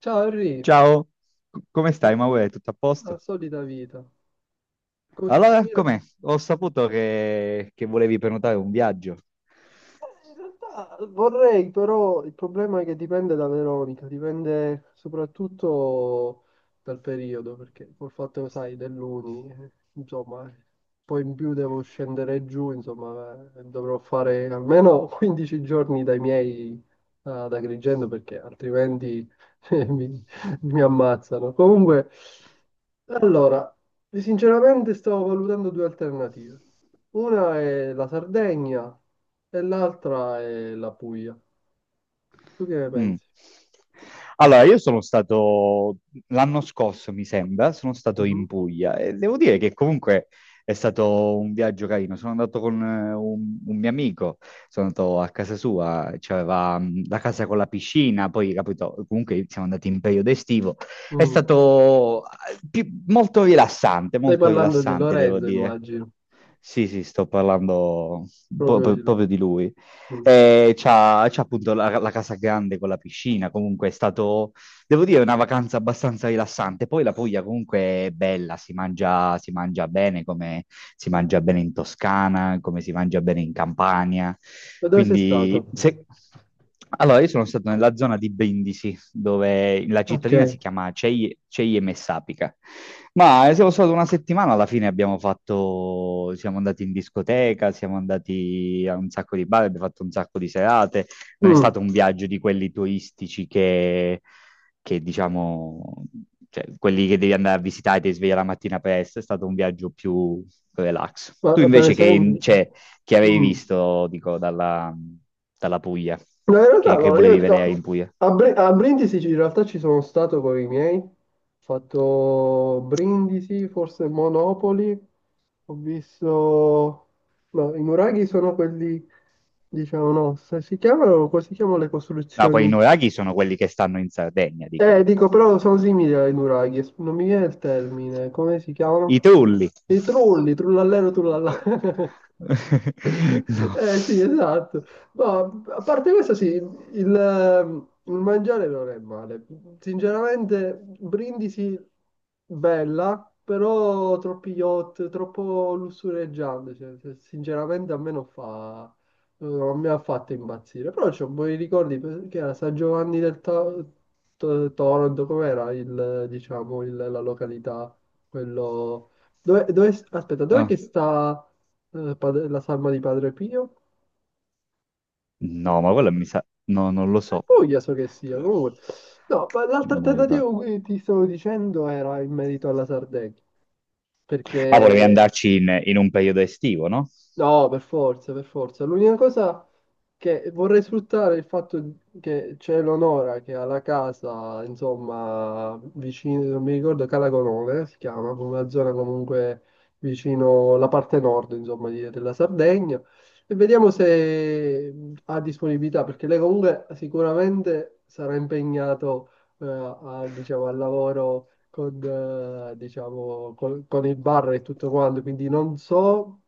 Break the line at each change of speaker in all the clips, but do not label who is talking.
Ciao Henry.
Ciao, come stai,
Eh,
Maure? Tutto a
la
posto?
solita vita. Che
Allora,
mi racconti?
com'è? Ho saputo che volevi prenotare un viaggio.
In realtà vorrei, però il problema è che dipende da Veronica, dipende soprattutto dal periodo, perché col fatto, sai, dell'Uni, insomma, poi in più devo scendere giù, insomma, dovrò fare almeno 15 giorni dai miei ad Agrigento, perché altrimenti eh, mi, mi ammazzano. Comunque, allora, sinceramente stavo valutando due alternative. Una è la Sardegna, e l'altra è la Puglia. Tu che ne
Mm.
pensi?
Allora, io sono stato l'anno scorso, mi sembra, sono stato in
Mhm.
Puglia e devo dire che comunque è stato un viaggio carino. Sono andato con un mio amico, sono andato a casa sua, c'aveva la casa con la piscina, poi capito, comunque siamo andati in periodo estivo. È
Mm.
stato
Stai
molto
parlando di
rilassante, devo
Lorenzo,
dire.
immagino.
Sì, sì, sto parlando
Proprio di lui.
proprio di lui.
Mm.
C'ha appunto la, la casa grande con la piscina, comunque è stato. Devo dire, è una vacanza abbastanza rilassante. Poi la Puglia comunque è bella, si mangia bene, come si mangia bene in Toscana, come si mangia bene in Campania.
E dove sei stato?
Quindi, se... Allora, io sono stato nella zona di Brindisi, dove la cittadina si
Ok.
chiama Ceie Messapica. Ma siamo stati una settimana, alla fine abbiamo fatto, siamo andati in discoteca, siamo andati a un sacco di bar, abbiamo fatto un sacco di serate, non è
Mm.
stato un viaggio di quelli turistici che diciamo, cioè, quelli che devi andare a visitare e ti svegli la mattina presto, è stato un viaggio più relax. Tu
Ma per
invece che,
esempio...
cioè, che avevi
Mm.
visto, dico, dalla, dalla Puglia,
No, in realtà
che
no,
volevi
io
vedere in
no.
Puglia?
A Brindisi in realtà ci sono stato con i miei. Ho fatto Brindisi, forse Monopoli. Ho visto... No, i nuraghi sono quelli... Diciamo, no, se si chiamano, come si chiamano le
No, quei
costruzioni?
nuraghi sono quelli che stanno in Sardegna, dico.
Dico, però sono simili alle nuraghi, non mi viene il termine, come si
I
chiamano?
trulli.
I trulli, trullallero, trullallà.
No.
Eh sì, esatto. No, a parte questo, sì, il mangiare non è male. Sinceramente, Brindisi bella, però troppi yacht, troppo lussureggiante. Cioè, sinceramente, a me non fa, non mi ha fatto impazzire. Però c'ho buoni ricordi perché era San Giovanni del Toronto, com'era il, diciamo, la località, quello... Aspetta, dove
No.
che sta? La salma di Padre Pio.
No, ma quella mi sa... No, non lo
E
so.
poi so che sia, comunque. No, l'altra
Non ricordo.
alternativa che ti stavo dicendo era in merito alla Sardegna,
Ma volevi
perché
andarci in, in un periodo estivo, no?
No, per forza, per forza. L'unica cosa che vorrei sfruttare è il fatto che c'è l'Onora che ha la casa, insomma, vicino, non mi ricordo, Calagonone si chiama, come una zona comunque vicino la parte nord, insomma, della Sardegna. E vediamo se ha disponibilità, perché lei comunque sicuramente sarà impegnato, al, diciamo, al lavoro con, diciamo, con il bar e tutto quanto, quindi non so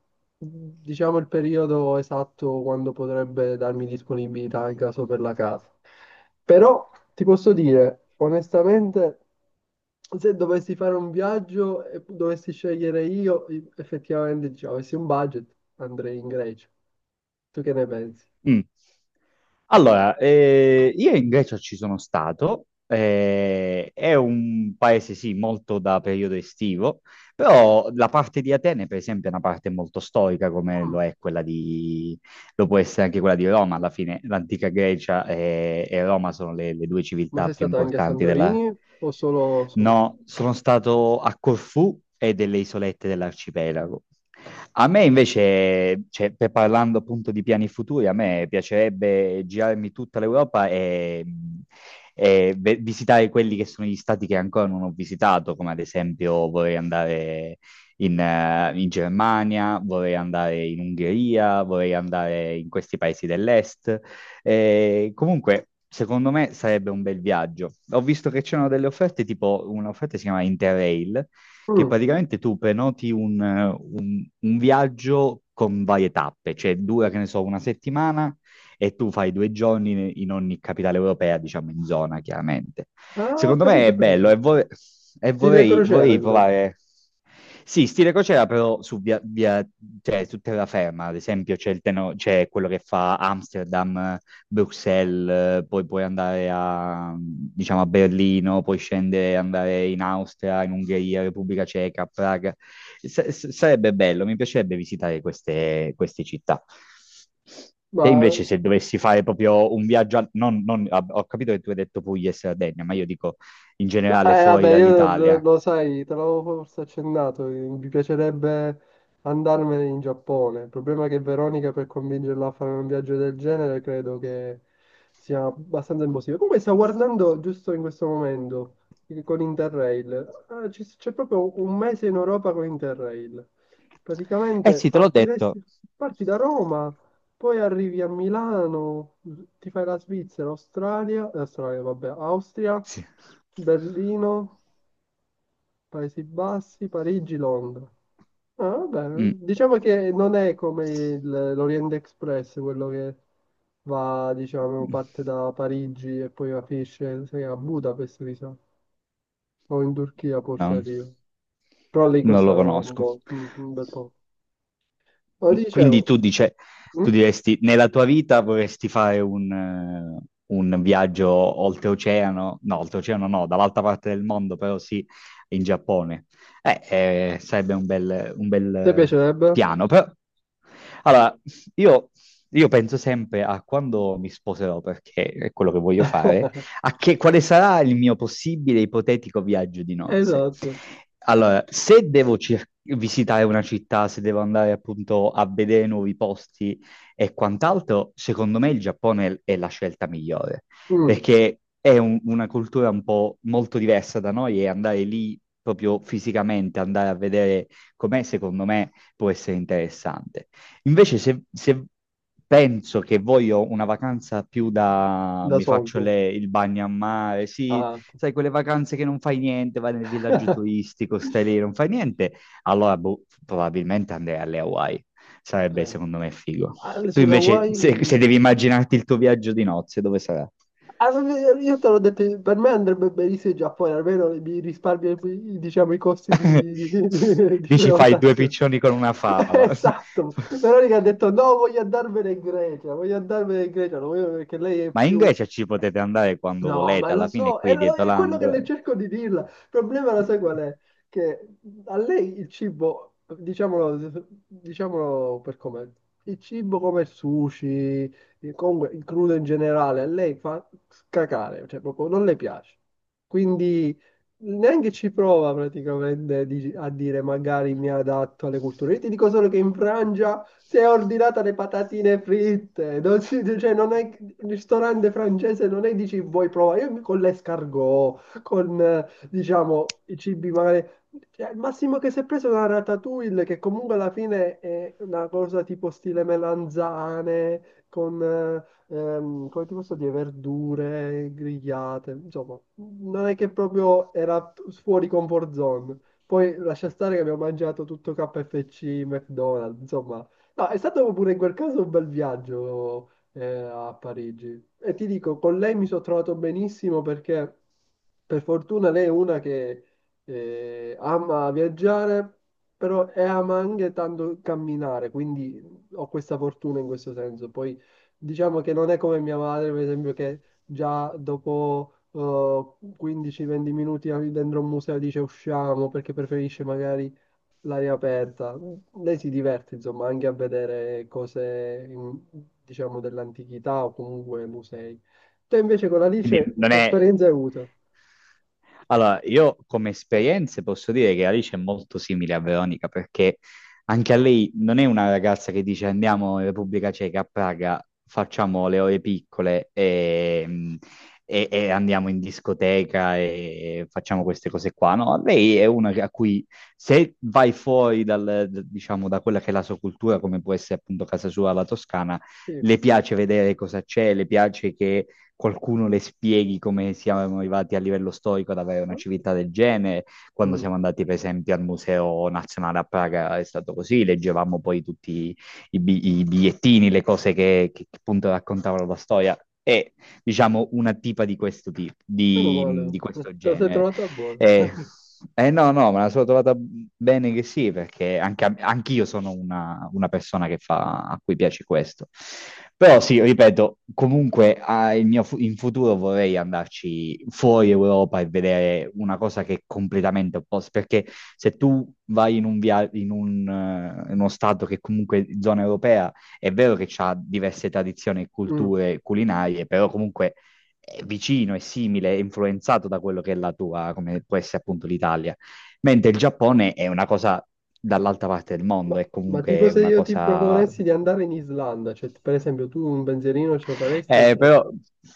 diciamo il periodo esatto quando potrebbe darmi disponibilità in caso per la casa. Però ti posso dire, onestamente, se dovessi fare un viaggio e dovessi scegliere io, effettivamente, diciamo, avessi un budget, andrei in Grecia. Tu che ne pensi?
Mm. Allora, io in Grecia ci sono stato, è un paese sì molto da periodo estivo, però la parte di Atene per esempio è una parte molto storica come lo
Mm.
è quella di, lo può essere anche quella di Roma, alla fine l'antica Grecia e Roma sono le due
Ma
civiltà
sei
più
stato anche a
importanti della...
Santorini o solo... solo?
No, sono stato a Corfù e delle isolette dell'arcipelago. A me invece, cioè, parlando appunto di piani futuri, a me piacerebbe girarmi tutta l'Europa e visitare quelli che sono gli stati che ancora non ho visitato, come ad esempio vorrei andare in Germania, vorrei andare in Ungheria, vorrei andare in questi paesi dell'est. Comunque, secondo me sarebbe un bel viaggio. Ho visto che c'erano delle offerte, tipo un'offerta che si chiama Interrail, che
Mm.
praticamente tu prenoti un viaggio con varie tappe, cioè dura, che ne so, una settimana e tu fai due giorni in ogni capitale europea, diciamo in zona, chiaramente.
Ah, ho
Secondo me
capito, ho
è bello
capito.
e
Sì, le crociere,
vorrei
insomma.
provare. Sì, stile crociera, però su, cioè, su terraferma, ad esempio, c'è, c'è quello che fa Amsterdam, Bruxelles, poi puoi andare a, diciamo, a Berlino, poi scendere, andare in Austria, in Ungheria, Repubblica Ceca, Praga. Sarebbe bello, mi piacerebbe visitare queste, queste città. Te
Ma
invece se dovessi fare proprio un viaggio, ho capito che tu hai detto Puglia e Sardegna, ma io dico in
no,
generale fuori
vabbè, io
dall'Italia.
lo sai, te l'avevo forse accennato, mi piacerebbe andarmene in Giappone. Il problema è che Veronica per convincerla a fare un viaggio del genere credo che sia abbastanza impossibile. Comunque sta guardando giusto in questo momento con Interrail. C'è proprio un mese in Europa con Interrail.
Eh
Praticamente
sì, te l'ho detto.
partiresti, parti da Roma. Poi arrivi a Milano, ti fai la Svizzera, Australia, Austria,
Sì.
Berlino, Paesi Bassi, Parigi, Londra. Ah, vabbè, diciamo che non è come l'Orient Express, quello che va, diciamo,
Mm.
parte da Parigi e poi finisce a Budapest, mi sa, o in Turchia forse
Non,
arriva. Però lì
non
costa
lo
un
conosco.
po', un bel po'. Ma
Quindi
dicevo,
tu dice, tu
mm?
diresti, nella tua vita vorresti fare un viaggio oltreoceano no, dall'altra parte del mondo, però sì, in Giappone. Eh, sarebbe un bel
Ti piacerebbe?
piano, però... Allora, io, io penso sempre a quando mi sposerò, perché è quello che voglio fare, quale sarà il mio possibile ipotetico viaggio di nozze.
Esatto.
Allora, se devo visitare una città, se devo andare appunto a vedere nuovi posti e quant'altro, secondo me il Giappone è la scelta migliore,
Mm.
perché è una cultura un po' molto diversa da noi e andare lì proprio fisicamente, andare a vedere com'è, secondo me può essere interessante. Invece se penso che voglio una vacanza più da...
ده
mi
صعب
faccio il bagno a mare, sì,
آه.
sai, quelle vacanze che non fai niente, vai nel villaggio turistico, stai lì, non fai niente, allora boh, probabilmente andrei alle Hawaii. Sarebbe
Eh.
secondo me figo.
Ah,
Tu
sulla
invece, se
Hawaii
devi immaginarti il tuo viaggio di nozze, dove sarà?
ah, ma io te l'ho detto per me andrebbe benissimo il Giappone almeno mi risparmio diciamo i costi di di
Dici fai due
prenotazione.
piccioni con una fava.
Esatto. Veronica ha detto no voglio andarmene in Grecia voglio andarmene in Grecia non voglio- perché lei è
Ma in
più
Grecia ci potete andare quando
no, ma
volete,
lo
alla fine è
so,
qui dietro
è quello che
l'angolo.
le cerco di dirla. Il problema lo sai qual
Eh,
è? Che a lei il cibo, diciamolo, diciamolo per com'è, il cibo come il sushi, comunque il crudo in generale, a lei fa cacare, cioè proprio non le piace. Quindi neanche ci prova praticamente a dire magari mi adatto alle culture. Io ti dico solo che in Francia si è ordinata le patatine fritte, non si- cioè non è, il ristorante francese non è dici vuoi provare, io con l'escargot, con diciamo i cibi magari, cioè, al massimo che si è preso una ratatouille che comunque alla fine è una cosa tipo stile melanzane, con, come ti posso dire, verdure grigliate, insomma, non è che proprio era fuori comfort zone. Poi lascia stare che abbiamo mangiato tutto KFC, McDonald's, insomma, no, è stato pure in quel caso un bel viaggio a Parigi. E ti dico, con lei mi sono trovato benissimo perché per fortuna lei è una che ama viaggiare, però e ama anche tanto camminare, quindi ho questa fortuna in questo senso. Poi diciamo che non è come mia madre, per esempio, che già dopo 15-20 minuti dentro un museo dice usciamo perché preferisce magari l'aria aperta. Lei si diverte, insomma, anche a vedere cose, in- diciamo, dell'antichità o comunque musei. Te invece con
Quindi
Alice
non
che
è.
esperienza hai avuto?
Allora, io come esperienze posso dire che Alice è molto simile a Veronica perché anche a lei non è una ragazza che dice andiamo in Repubblica Ceca a Praga, facciamo le ore piccole e andiamo in discoteca e facciamo queste cose qua. No, lei è una a cui se vai fuori dal, diciamo, da quella che è la sua cultura, come può essere appunto casa sua, la Toscana,
Sì.
le piace vedere cosa c'è, le piace che qualcuno le spieghi come siamo arrivati a livello storico ad avere una civiltà del genere. Quando
Mm.
siamo andati, per esempio, al Museo Nazionale a Praga è stato così, leggevamo poi tutti i bigliettini, le cose che appunto raccontavano la storia. È, diciamo, una tipa di questo tipo,
Meno male,
di questo
te la sei
genere.
trovata buona.
Eh, no, no, me la sono trovata bene che sì, perché anche anch'io sono una persona che fa, a cui piace questo. Però sì, ripeto, comunque il mio in futuro vorrei andarci fuori Europa e vedere una cosa che è completamente opposta, perché se tu vai in un in uno stato che è comunque zona europea, è vero che ha diverse tradizioni e
Mm.
culture culinarie, però comunque è vicino e simile, è influenzato da quello che è la tua, come può essere appunto l'Italia. Mentre il Giappone è una cosa dall'altra parte del mondo, è
Ma
comunque
tipo se
una
io ti
cosa...
proponessi di andare in Islanda, cioè per esempio tu un pensierino ce lo faresti oppure...
Però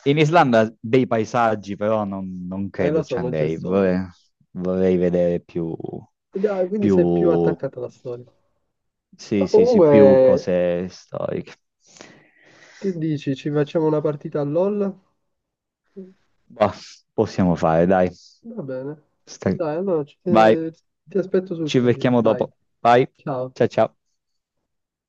in Islanda dei paesaggi, però non
Lo
credo
so,
ci
non c'è
andrei,
storia.
vorrei, vorrei vedere più,
Dai, quindi sei più
più,
attaccata alla storia. Ma
sì, sì, sì, più
comunque,
cose storiche.
che dici? Ci facciamo una partita a LOL?
Bah, possiamo fare, dai.
Va bene.
Stai-
Dai, allora ci-
Vai,
ti aspetto sul
ci
Colle.
becchiamo
Dai,
dopo. Vai,
ciao.
ciao ciao.